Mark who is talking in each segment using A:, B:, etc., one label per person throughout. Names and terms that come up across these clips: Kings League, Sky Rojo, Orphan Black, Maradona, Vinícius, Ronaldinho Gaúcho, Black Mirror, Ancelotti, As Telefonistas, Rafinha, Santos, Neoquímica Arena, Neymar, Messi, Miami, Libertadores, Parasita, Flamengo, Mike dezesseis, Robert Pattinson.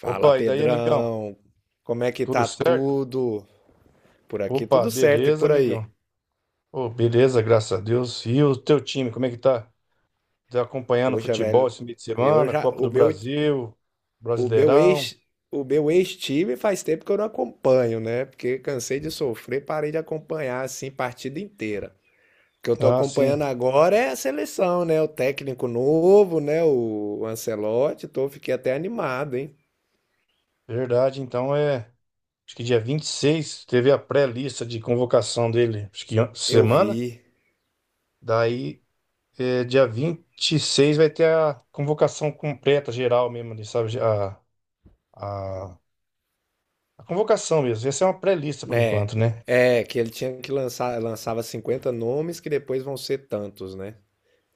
A: Fala,
B: Opa, e daí, amigão?
A: Pedrão. Como é que
B: Tudo
A: tá
B: certo?
A: tudo? Por aqui
B: Opa,
A: tudo certo e
B: beleza,
A: por
B: amigão.
A: aí.
B: Ô, beleza, graças a Deus. E o teu time, como é que tá? Tá acompanhando o
A: Poxa, velho,
B: futebol esse meio de
A: eu
B: semana?
A: já
B: Copa do Brasil,
A: o meu
B: Brasileirão?
A: ex o meu ex-time faz tempo que eu não acompanho, né? Porque cansei de sofrer, parei de acompanhar assim partida inteira. O que eu tô
B: Ah, sim,
A: acompanhando agora é a seleção, né? O técnico novo, né? O Ancelotti, tô fiquei até animado, hein?
B: verdade. Então é. Acho que dia 26 teve a pré-lista de convocação dele, acho que
A: Eu
B: semana.
A: vi,
B: Daí, dia 26 vai ter a convocação completa, geral mesmo, ali, sabe? A, a convocação mesmo. Essa é uma pré-lista por
A: né?
B: enquanto, né?
A: Que ele tinha que lançar, lançava 50 nomes que depois vão ser tantos, né?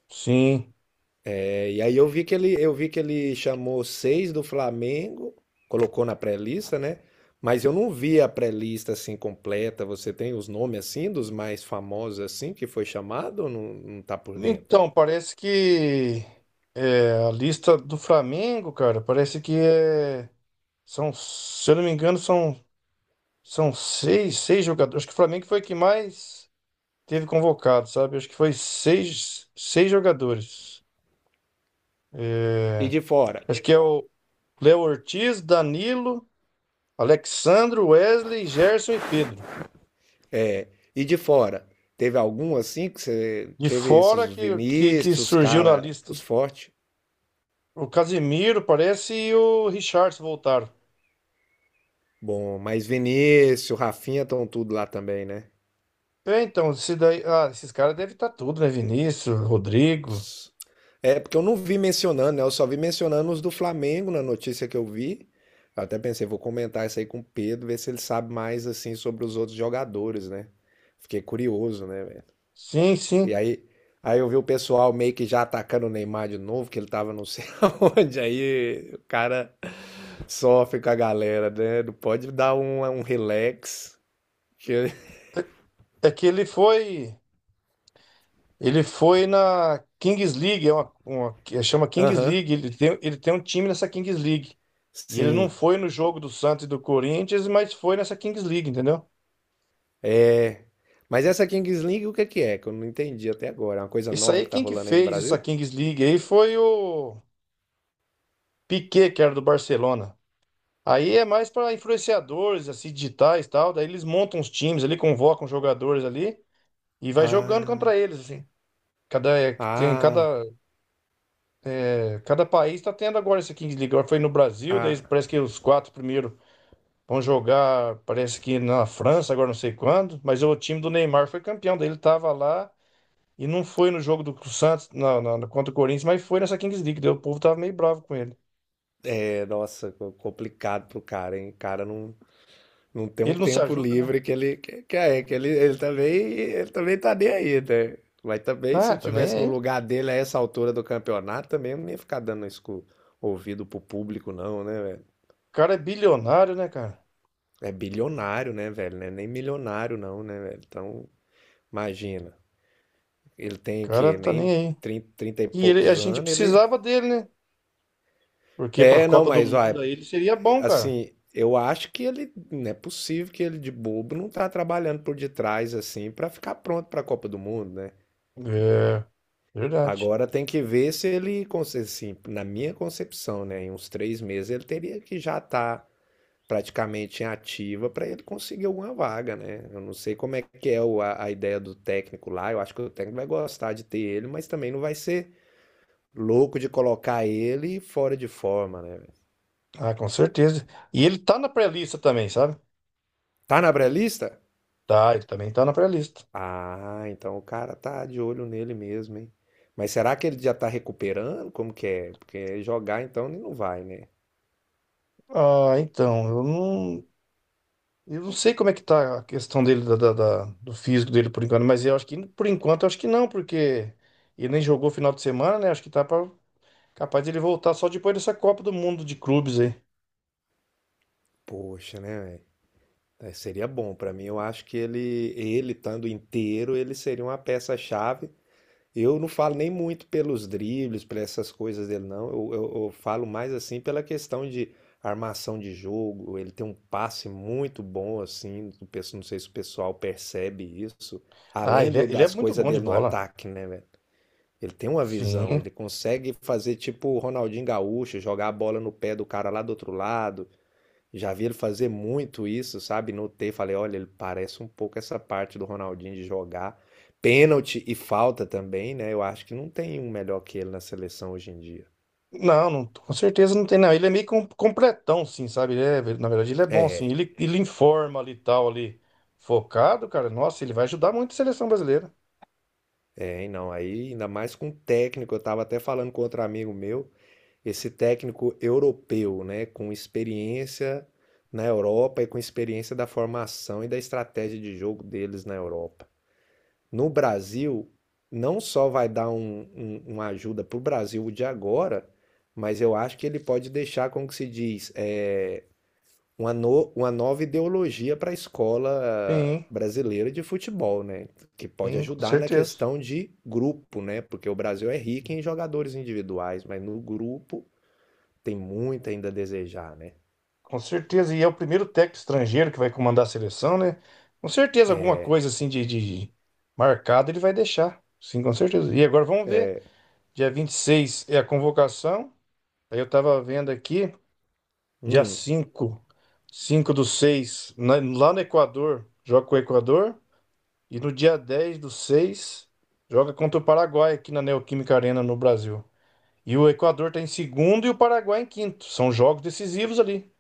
B: Sim.
A: É. E aí eu vi que ele chamou 6 do Flamengo, colocou na pré-lista, né? Mas eu não vi a pré-lista assim completa. Você tem os nomes assim dos mais famosos assim que foi chamado ou não, não tá por dentro?
B: Então, parece que a lista do Flamengo, cara, parece que são, se eu não me engano, são seis jogadores. Acho que o Flamengo foi que mais teve convocado, sabe? Acho que foi seis jogadores. É,
A: E de fora?
B: acho que é o Léo Ortiz, Danilo, Alexandro, Wesley, Gerson e Pedro.
A: E de fora? Teve algum assim que você
B: De
A: teve esses
B: fora
A: os
B: que
A: Vinícius, os
B: surgiu na
A: cara,
B: lista
A: os fortes?
B: o Casimiro, parece, e o Richarlison voltaram.
A: Bom, mas Vinícius, Rafinha estão tudo lá também, né?
B: É, então, esse daí, esses caras devem estar tudo, né? Vinícius, Rodrigo.
A: É, porque eu não vi mencionando, né? Eu só vi mencionando os do Flamengo na notícia que eu vi. Eu até pensei, vou comentar isso aí com o Pedro, ver se ele sabe mais assim sobre os outros jogadores, né? Fiquei curioso, né, velho?
B: Sim,
A: E
B: sim.
A: aí, aí eu vi o pessoal meio que já atacando o Neymar de novo, que ele tava não sei aonde. Aí o cara sofre com a galera, né? Não pode dar um relax. Que...
B: É que ele foi na Kings League, é que chama Kings
A: Aham,
B: League. Ele tem um time nessa Kings League. E ele não
A: sim.
B: foi no jogo do Santos e do Corinthians, mas foi nessa Kings League, entendeu?
A: Mas essa Kings League, o que que é? Que eu não entendi até agora. É uma coisa
B: Isso
A: nova
B: aí,
A: que tá
B: quem que
A: rolando aí no
B: fez essa
A: Brasil?
B: Kings League aí foi o Piquet, que era do Barcelona. Aí é mais para influenciadores, assim, digitais e tal. Daí eles montam os times ali, convocam os jogadores ali e vai jogando
A: Ah,
B: contra eles, assim. Cada, é, tem,
A: ah,
B: cada, é, cada país está tendo agora essa Kings League. Agora foi no Brasil, daí
A: ah.
B: parece que os quatro primeiros vão jogar, parece que na França, agora não sei quando. Mas o time do Neymar foi campeão, daí ele estava lá e não foi no jogo do Santos contra o Corinthians, mas foi nessa Kings League. Daí o povo tava meio bravo com ele.
A: É, nossa, co- complicado pro cara, hein? O cara não, Não tem um
B: Ele não se
A: tempo
B: ajuda, né?
A: livre que ele que é, que ele também tá nem aí, né? Mas também se
B: Ah,
A: eu
B: tá nem
A: tivesse no
B: aí. O
A: lugar dele a essa altura do campeonato, também eu não ia ficar dando isso ouvido pro público não, né, velho?
B: cara é bilionário, né, cara?
A: É bilionário, né, velho? Não é nem milionário não, né, velho? Então, imagina. Ele
B: O
A: tem
B: cara
A: que
B: não tá nem
A: nem
B: aí.
A: 30 30 e
B: E ele, a
A: poucos
B: gente
A: anos, ele.
B: precisava dele, né? Porque para a
A: É, não,
B: Copa do
A: mas
B: Mundo
A: vai,
B: aí ele seria bom, cara.
A: Assim, eu acho que ele, não é possível que ele de bobo não tá trabalhando por detrás assim para ficar pronto para a Copa do Mundo, né?
B: É, verdade.
A: Agora tem que ver se ele, conse- assim, na minha concepção, né, em uns 3 meses ele teria que já estar praticamente em ativa para ele conseguir alguma vaga, né? Eu não sei como é que é o- a ideia do técnico lá. Eu acho que o técnico vai gostar de ter ele, mas também não vai ser louco de colocar ele fora de forma, né?
B: Ah, com certeza. E ele tá na pré-lista também, sabe?
A: Tá na pré-lista?
B: Tá, ele também tá na pré-lista.
A: Ah, então o cara tá de olho nele mesmo, hein? Mas será que ele já tá recuperando? Como que é? Porque jogar então ele não vai, né?
B: Ah, então, eu não sei como é que tá a questão dele, do físico dele por enquanto, mas eu acho que, por enquanto, eu acho que não, porque ele nem jogou final de semana, né? Acho que tá capaz de ele voltar só depois dessa Copa do Mundo de clubes aí.
A: Poxa, né, velho? É, seria bom pra mim. Eu acho que ele estando inteiro, ele seria uma peça-chave. Eu não falo nem muito pelos dribles, por essas coisas dele, não. Eu falo mais assim pela questão de armação de jogo. Ele tem um passe muito bom, assim. Do pe- não sei se o pessoal percebe isso.
B: Ah,
A: Além
B: ele
A: do-
B: é, ele é
A: das
B: muito
A: coisas
B: bom de
A: dele no
B: bola.
A: ataque, né, velho? Ele tem uma visão,
B: Sim.
A: ele consegue fazer tipo o Ronaldinho Gaúcho, jogar a bola no pé do cara lá do outro lado. Já vi ele fazer muito isso, sabe? Notei, falei, olha, ele parece um pouco essa parte do Ronaldinho de jogar. Pênalti e falta também, né? Eu acho que não tem um melhor que ele na seleção hoje em dia.
B: Não, não, com certeza não tem, não. Ele é meio completão, sim, sabe? Na verdade, ele é bom, sim.
A: É,
B: Ele informa ali e tal, ali, focado, cara. Nossa, ele vai ajudar muito a seleção brasileira.
A: hein, não. Aí, ainda mais com técnico, eu tava até falando com outro amigo meu. Esse técnico europeu, né, com experiência na Europa e com experiência da formação e da estratégia de jogo deles na Europa. No Brasil, não só vai dar uma ajuda para o Brasil de agora, mas eu acho que ele pode deixar, como que se diz, é, uma, no- uma nova ideologia para a escola
B: Sim,
A: brasileira de futebol, né? Que pode
B: sim, com
A: ajudar na
B: certeza.
A: questão de grupo, né? Porque o Brasil é rico em jogadores individuais, mas no grupo tem muito ainda a desejar, né?
B: Com certeza. E é o primeiro técnico estrangeiro que vai comandar a seleção, né? Com certeza, alguma coisa assim de marcado ele vai deixar. Sim, com certeza. E agora vamos ver. Dia 26 é a convocação. Aí eu tava vendo aqui. Dia
A: Hum,
B: cinco do 6, né? Lá no Equador, joga com o Equador. E no dia 10 do 6 joga contra o Paraguai aqui na Neoquímica Arena no Brasil. E o Equador tá em segundo e o Paraguai em quinto. São jogos decisivos ali.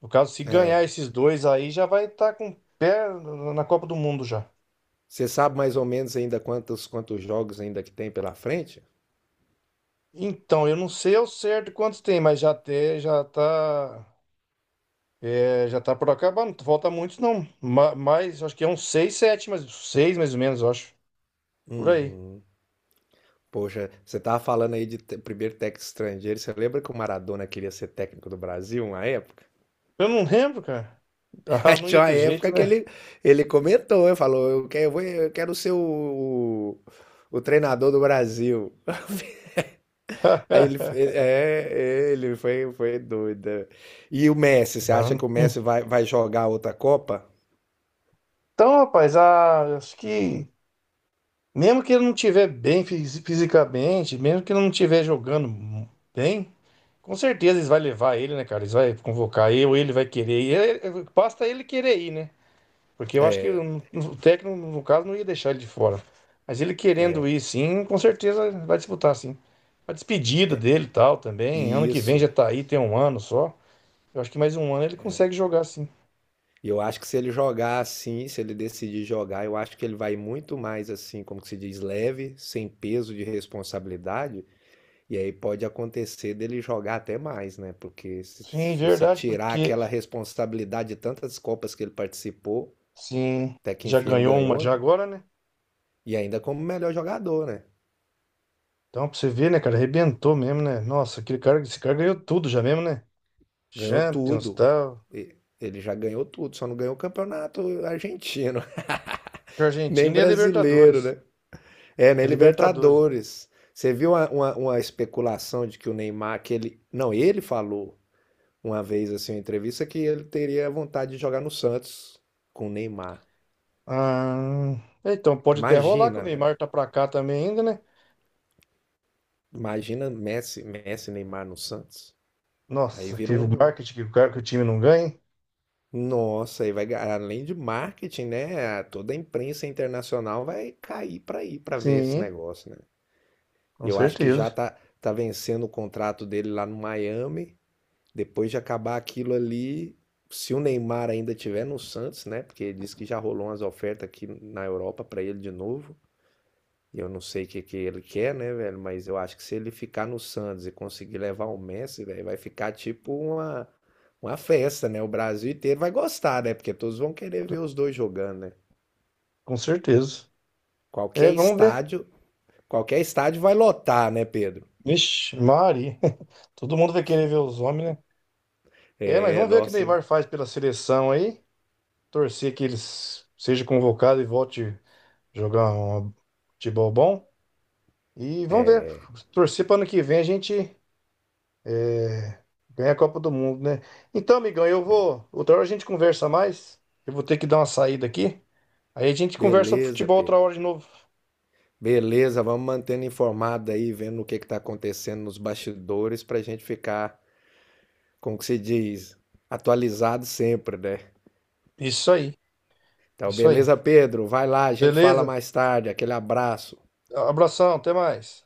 B: No caso, se ganhar
A: é.
B: esses dois aí, já vai estar com o pé na Copa do Mundo já.
A: Você sabe mais ou menos ainda quantos jogos ainda que tem pela frente?
B: Então, eu não sei ao certo quantos tem, mas já tem, já tá, já tá por acabando. Falta muitos não. Mas acho que é uns 6 7 mas 6 mais ou menos, eu acho. Por aí.
A: Uhum. Poxa, você tava falando aí de te- primeiro técnico estrangeiro. Você lembra que o Maradona queria ser técnico do Brasil uma época?
B: Eu não lembro, cara. Ah, não ia
A: Tinha uma
B: ter jeito,
A: época que
B: né?
A: ele comentou, ele falou, eu quero, eu quero ser o treinador do Brasil. É, ele foi, foi doido. E o Messi, você acha
B: Não.
A: que o Messi vai, vai jogar outra Copa?
B: Então, rapaz, acho que mesmo que ele não estiver bem fisicamente, mesmo que ele não estiver jogando bem, com certeza eles vão levar ele, né, cara? Eles vão convocar ele, ou ele vai querer ir. É, é, basta ele querer ir, né? Porque eu acho que
A: É,
B: o técnico, no caso, não ia deixar ele de fora. Mas ele querendo
A: é.
B: ir, sim, com certeza vai disputar, sim. A despedida dele e tal também. Ano que vem já
A: Isso.
B: tá aí, tem um ano só. Eu acho que mais um ano ele consegue jogar, sim.
A: E eu acho que se ele jogar assim, se ele decidir jogar, eu acho que ele vai muito mais assim, como que se diz, leve, sem peso de responsabilidade. E aí pode acontecer dele jogar até mais, né? Porque se
B: Sim,
A: se você
B: verdade,
A: tirar
B: porque
A: aquela responsabilidade de tantas Copas que ele participou,
B: sim,
A: até que
B: já
A: enfim ele
B: ganhou uma
A: ganhou,
B: já
A: né?
B: agora, né?
A: E ainda como melhor jogador, né?
B: Então, pra você ver, né, cara, arrebentou mesmo, né? Nossa, aquele cara, esse cara ganhou tudo já mesmo, né?
A: Ganhou
B: Champions,
A: tudo.
B: tal.
A: Ele já ganhou tudo, só não ganhou o campeonato argentino, nem
B: Argentina e a Libertadores.
A: brasileiro, né? É,
B: E
A: na
B: a Libertadores.
A: Libertadores. Você viu uma especulação de que o Neymar, que ele. Não, ele falou uma vez assim, em entrevista, que ele teria vontade de jogar no Santos com o Neymar.
B: Ah, então pode até rolar que o
A: Imagina, velho.
B: Neymar tá pra cá também ainda, né?
A: Imagina Messi, e Neymar no Santos. Aí
B: Nossa,
A: vira
B: que o
A: um.
B: marketing que o cara que o time não ganha, hein?
A: Nossa, aí vai ga- além de marketing, né? Toda a imprensa internacional vai cair pra ir pra ver esse
B: Sim,
A: negócio, né?
B: com
A: E eu acho que já
B: certeza.
A: tá vencendo o contrato dele lá no Miami. Depois de acabar aquilo ali, se o Neymar ainda tiver no Santos, né? Porque ele disse que já rolou umas ofertas aqui na Europa para ele de novo. Eu não sei o que que ele quer, né, velho? Mas eu acho que se ele ficar no Santos e conseguir levar o Messi, velho, vai ficar tipo uma festa, né? O Brasil inteiro vai gostar, né? Porque todos vão querer ver os dois jogando, né?
B: Com certeza. É,
A: Qualquer
B: vamos ver.
A: estádio, qualquer estádio vai lotar, né, Pedro?
B: Vixe, Mari. Todo mundo vai querer ver os homens, né? É, mas
A: É,
B: vamos ver o que o
A: nossa,
B: Neymar faz pela seleção aí. Torcer que ele seja convocado e volte jogar um futebol bom. E vamos ver. Torcer para ano que vem a gente ganhar a Copa do Mundo, né? Então, amigão, eu vou. Outra hora a gente conversa mais. Eu vou ter que dar uma saída aqui. Aí a gente conversa sobre
A: beleza,
B: futebol outra
A: Pedro.
B: hora de novo.
A: Beleza, vamos mantendo informado aí, vendo o que está acontecendo nos bastidores para a gente ficar, como que se diz, atualizado sempre, né?
B: Isso aí,
A: Então,
B: isso aí.
A: beleza, Pedro? Vai lá, a gente fala
B: Beleza?
A: mais tarde. Aquele abraço.
B: Abração, até mais.